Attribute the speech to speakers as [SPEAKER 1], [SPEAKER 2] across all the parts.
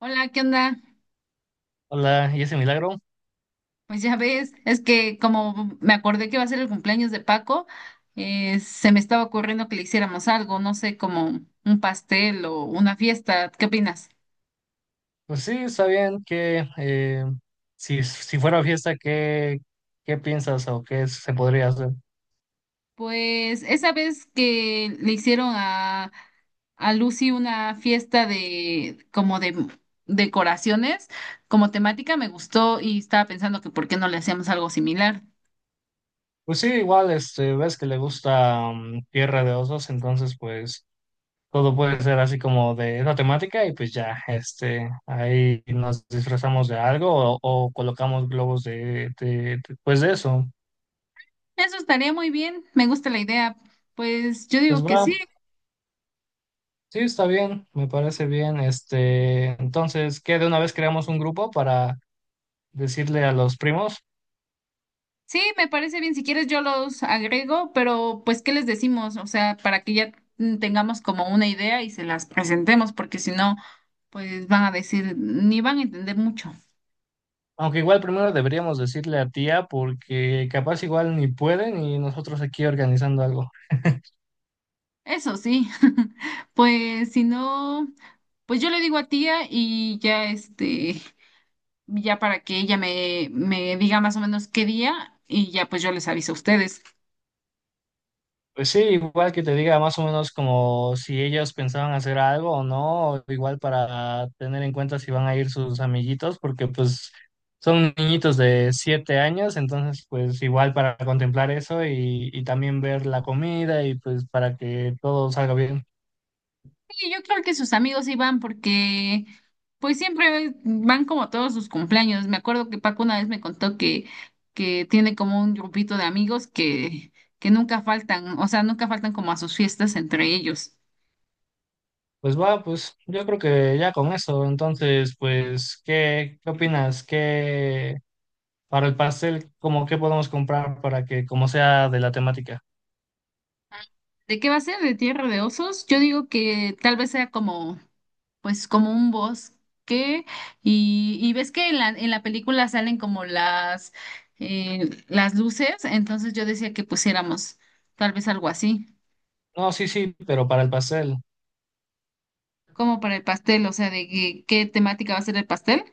[SPEAKER 1] Hola, ¿qué onda?
[SPEAKER 2] Hola, ¿y ese milagro?
[SPEAKER 1] Pues ya ves, es que como me acordé que va a ser el cumpleaños de Paco, se me estaba ocurriendo que le hiciéramos algo, no sé, como un pastel o una fiesta. ¿Qué opinas?
[SPEAKER 2] Pues sí, está bien que si fuera fiesta, ¿qué piensas o qué se podría hacer?
[SPEAKER 1] Pues esa vez que le hicieron a Lucy una fiesta de como de decoraciones, como temática, me gustó y estaba pensando que por qué no le hacíamos algo similar.
[SPEAKER 2] Pues sí, igual, este, ves que le gusta Tierra de Osos, entonces pues todo puede ser así como de esa temática y pues ya, este, ahí nos disfrazamos de algo o colocamos globos de pues de eso.
[SPEAKER 1] Eso estaría muy bien, me gusta la idea. Pues yo
[SPEAKER 2] Pues
[SPEAKER 1] digo que
[SPEAKER 2] va,
[SPEAKER 1] sí.
[SPEAKER 2] sí, está bien, me parece bien, este, entonces, ¿qué de una vez creamos un grupo para decirle a los primos?
[SPEAKER 1] Sí, me parece bien. Si quieres, yo los agrego, pero pues, ¿qué les decimos? O sea, para que ya tengamos como una idea y se las presentemos, porque si no, pues van a decir, ni van a entender mucho.
[SPEAKER 2] Aunque igual primero deberíamos decirle a tía porque capaz igual ni pueden y nosotros aquí organizando algo.
[SPEAKER 1] Eso sí, pues si no, pues yo le digo a tía y ya este, ya para que ella me diga más o menos qué día y ya pues yo les aviso a ustedes.
[SPEAKER 2] Pues sí, igual que te diga más o menos como si ellos pensaban hacer algo o no, igual para tener en cuenta si van a ir sus amiguitos, porque pues son niñitos de 7 años, entonces pues igual para contemplar eso y también ver la comida y pues para que todo salga bien.
[SPEAKER 1] Sí, yo creo que sus amigos iban porque pues siempre van como a todos sus cumpleaños. Me acuerdo que Paco una vez me contó que tiene como un grupito de amigos que nunca faltan, o sea, nunca faltan como a sus fiestas entre ellos.
[SPEAKER 2] Pues va, pues yo creo que ya con eso, entonces pues, ¿qué opinas? ¿Qué? Para el pastel, ¿cómo qué podemos comprar para que, como sea de la temática?
[SPEAKER 1] ¿De qué va a ser? ¿De Tierra de Osos? Yo digo que tal vez sea como, pues como un bosque y ves que en la película salen como las luces, entonces yo decía que pusiéramos tal vez algo así.
[SPEAKER 2] No, sí, sí, pero para el pastel.
[SPEAKER 1] Como para el pastel, o sea, de qué temática va a ser el pastel.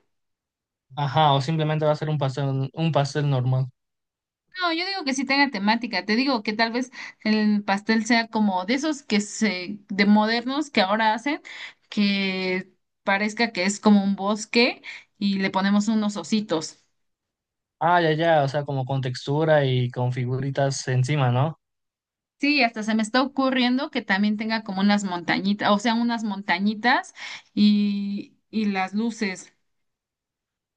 [SPEAKER 2] Ajá, o simplemente va a ser un pastel normal.
[SPEAKER 1] No, yo digo que sí tenga temática, te digo que tal vez el pastel sea como de esos de modernos que ahora hacen, que parezca que es como un bosque y le ponemos unos ositos.
[SPEAKER 2] Ah, ya, ya, o sea, como con textura y con figuritas encima, ¿no?
[SPEAKER 1] Sí, hasta se me está ocurriendo que también tenga como unas montañitas, o sea, unas montañitas y las luces.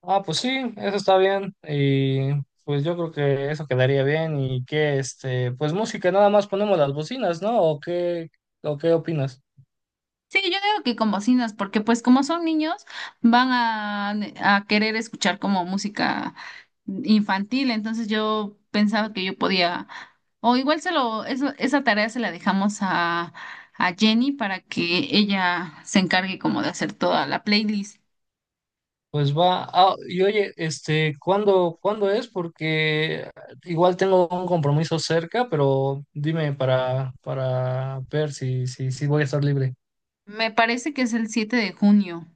[SPEAKER 2] Ah, pues sí, eso está bien. Y pues yo creo que eso quedaría bien. Y que, este, pues música, nada más ponemos las bocinas, ¿no? ¿O qué opinas?
[SPEAKER 1] Sí, yo digo que con bocinas, porque pues como son niños, van a querer escuchar como música infantil, entonces yo pensaba que yo podía, o igual eso, esa tarea se la dejamos a Jenny para que ella se encargue como de hacer toda la playlist.
[SPEAKER 2] Pues va, ah, y oye, este, ¿cuándo es? Porque igual tengo un compromiso cerca, pero dime para ver si voy a estar libre.
[SPEAKER 1] Me parece que es el 7 de junio.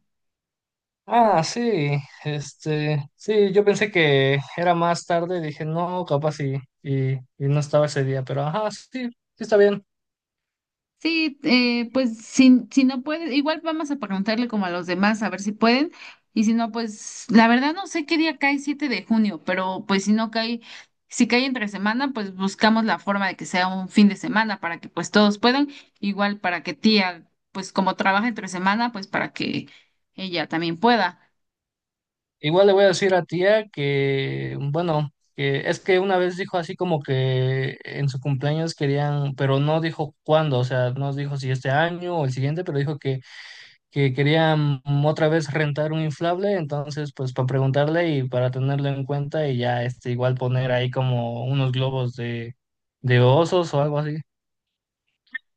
[SPEAKER 2] Ah, sí, este, sí, yo pensé que era más tarde, dije, no, capaz y no estaba ese día, pero ajá, sí, sí está bien.
[SPEAKER 1] Sí, pues si no puede, igual vamos a preguntarle como a los demás a ver si pueden. Y si no, pues la verdad no sé qué día cae 7 de junio, pero pues si no cae, si cae entre semana, pues buscamos la forma de que sea un fin de semana para que pues todos puedan, igual para que tía, pues como trabaja entre semana, pues para que ella también pueda.
[SPEAKER 2] Igual le voy a decir a tía que, bueno, que es que una vez dijo así como que en su cumpleaños querían, pero no dijo cuándo, o sea, no dijo si este año o el siguiente, pero dijo que querían otra vez rentar un inflable, entonces pues para preguntarle y para tenerlo en cuenta y ya este igual poner ahí como unos globos de osos o algo así.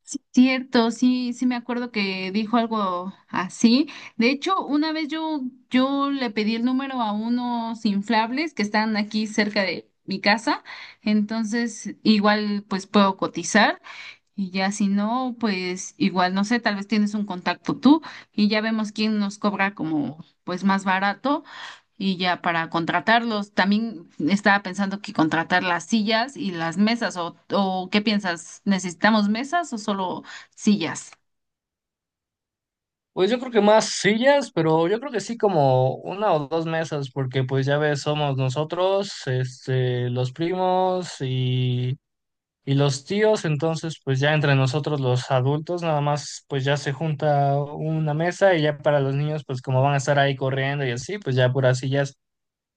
[SPEAKER 1] Sí, cierto, sí, sí me acuerdo que dijo algo así. De hecho, una vez yo le pedí el número a unos inflables que están aquí cerca de mi casa, entonces igual pues puedo cotizar y ya si no, pues igual, no sé, tal vez tienes un contacto tú y ya vemos quién nos cobra como pues más barato y ya para contratarlos. También estaba pensando que contratar las sillas y las mesas o ¿qué piensas? ¿Necesitamos mesas o solo sillas?
[SPEAKER 2] Pues yo creo que más sillas, pero yo creo que sí como una o dos mesas, porque pues ya ves, somos nosotros, este, los primos y los tíos, entonces pues ya entre nosotros los adultos nada más pues ya se junta una mesa y ya para los niños pues como van a estar ahí corriendo y así, pues ya puras sillas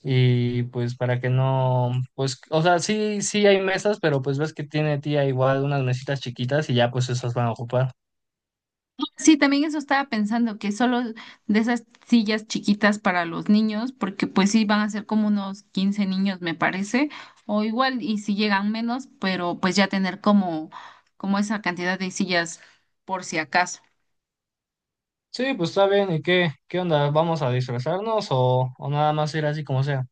[SPEAKER 2] y pues para que no, pues o sea, sí, sí hay mesas, pero pues ves que tiene tía igual unas mesitas chiquitas y ya pues esas van a ocupar.
[SPEAKER 1] Sí, también eso estaba pensando, que solo de esas sillas chiquitas para los niños, porque pues sí van a ser como unos 15 niños, me parece, o igual, y si llegan menos, pero pues ya tener como esa cantidad de sillas por si acaso.
[SPEAKER 2] Sí, pues está bien. ¿Y qué onda? ¿Vamos a disfrazarnos o nada más ir así como sea?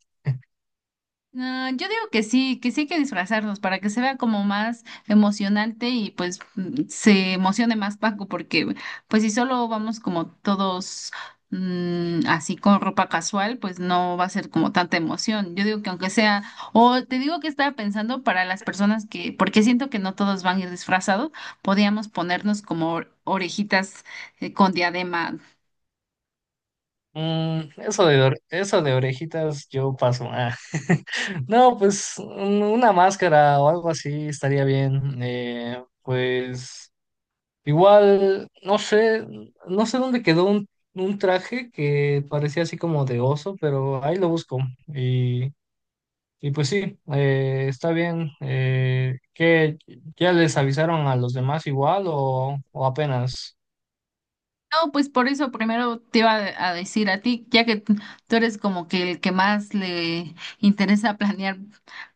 [SPEAKER 1] No, yo digo que sí hay que disfrazarnos para que se vea como más emocionante y pues se emocione más Paco, porque pues si solo vamos como todos así con ropa casual, pues no va a ser como tanta emoción. Yo digo que aunque sea, o te digo que estaba pensando para las personas que, porque siento que no todos van a ir disfrazados, podíamos ponernos como orejitas con diadema.
[SPEAKER 2] Mm, eso de orejitas yo paso. Ah. No, pues una máscara o algo así estaría bien. Pues igual, no sé dónde quedó un traje que parecía así como de oso, pero ahí lo busco. Y pues sí, está bien. ¿Qué, ya les avisaron a los demás igual o apenas?
[SPEAKER 1] No, pues por eso primero te iba a decir a ti, ya que tú eres como que el que más le interesa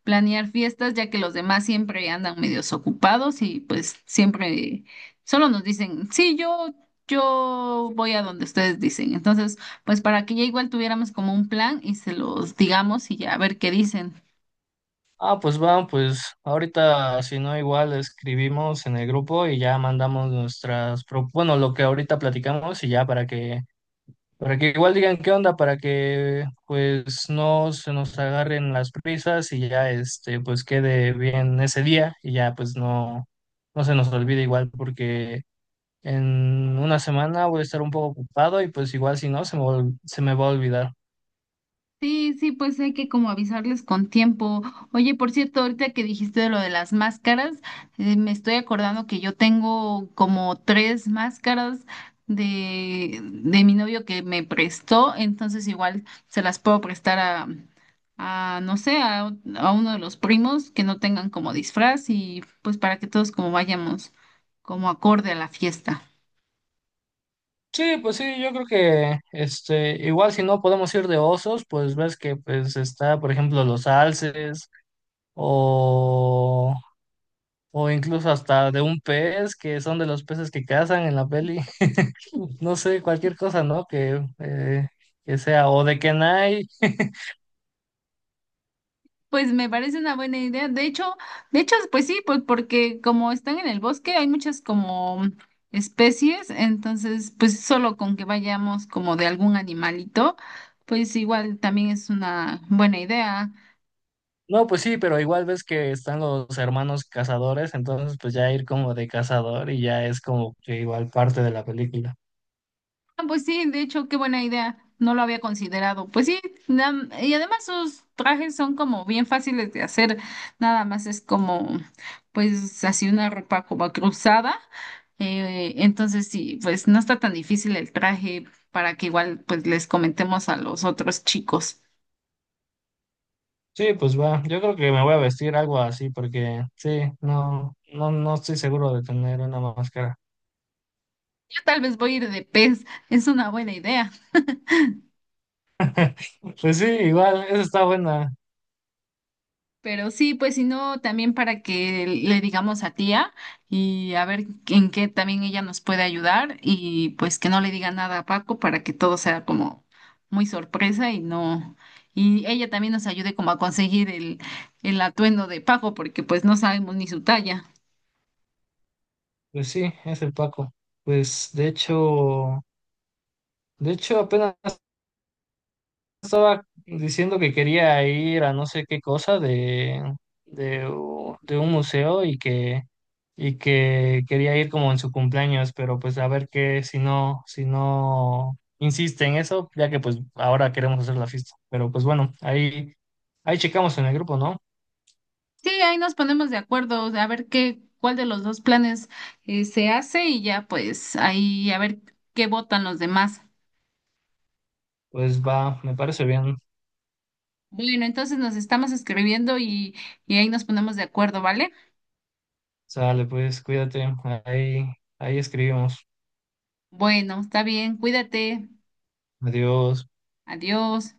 [SPEAKER 1] planear fiestas, ya que los demás siempre andan medios ocupados y pues siempre solo nos dicen, sí, yo voy a donde ustedes dicen. Entonces, pues para que ya igual tuviéramos como un plan y se los digamos y ya a ver qué dicen.
[SPEAKER 2] Ah, pues va, pues ahorita si no igual escribimos en el grupo y ya mandamos nuestras, bueno, lo que ahorita platicamos y ya para que, igual digan qué onda, para que pues no se nos agarren las prisas y ya este, pues quede bien ese día y ya pues no, no se nos olvide igual porque en una semana voy a estar un poco ocupado y pues igual si no, se me va a olvidar.
[SPEAKER 1] Sí, sí, pues hay que como avisarles con tiempo. Oye, por cierto, ahorita que dijiste de lo de las máscaras, me estoy acordando que yo tengo como tres máscaras de mi novio que me prestó, entonces igual se las puedo prestar a no sé, a uno de los primos que no tengan como disfraz y pues para que todos como vayamos como acorde a la fiesta.
[SPEAKER 2] Sí, pues sí, yo creo que este, igual si no podemos ir de osos, pues ves que pues está, por ejemplo, los alces o, o incluso hasta de un pez, que son de los peces que cazan en la peli. No sé, cualquier cosa, ¿no? Que sea, o de Kenai.
[SPEAKER 1] Pues me parece una buena idea. De hecho, pues sí, pues porque como están en el bosque, hay muchas como especies, entonces, pues solo con que vayamos como de algún animalito, pues igual también es una buena idea.
[SPEAKER 2] No, pues sí, pero igual ves que están los hermanos cazadores, entonces pues ya ir como de cazador y ya es como que igual parte de la película.
[SPEAKER 1] Ah, pues sí, de hecho, qué buena idea. No lo había considerado. Pues sí, y además sus trajes son como bien fáciles de hacer. Nada más es como, pues así una ropa como cruzada. Entonces sí, pues no está tan difícil el traje para que igual pues les comentemos a los otros chicos.
[SPEAKER 2] Sí, pues va, yo creo que me voy a vestir algo así porque sí, no, no, no estoy seguro de tener una máscara.
[SPEAKER 1] Yo tal vez voy a ir de pez. Es una buena idea.
[SPEAKER 2] Pues sí, igual, esa está buena.
[SPEAKER 1] Pero sí, pues si no, también para que le digamos a tía y a ver en qué también ella nos puede ayudar y pues que no le diga nada a Paco para que todo sea como muy sorpresa y no, y ella también nos ayude como a conseguir el atuendo de Paco porque pues no sabemos ni su talla.
[SPEAKER 2] Pues sí, es el Paco. Pues de hecho apenas estaba diciendo que quería ir a no sé qué cosa de un museo y que, quería ir como en su cumpleaños, pero pues a ver qué, si no insiste en eso, ya que pues ahora queremos hacer la fiesta. Pero pues bueno, ahí checamos en el grupo, ¿no?
[SPEAKER 1] Sí, ahí nos ponemos de acuerdo, o sea, a ver qué, cuál de los dos planes se hace y ya pues ahí a ver qué votan los demás.
[SPEAKER 2] Pues va, me parece bien.
[SPEAKER 1] Bueno, entonces nos estamos escribiendo y ahí nos ponemos de acuerdo, ¿vale?
[SPEAKER 2] Sale, pues cuídate, ahí, ahí escribimos.
[SPEAKER 1] Bueno, está bien, cuídate,
[SPEAKER 2] Adiós.
[SPEAKER 1] adiós.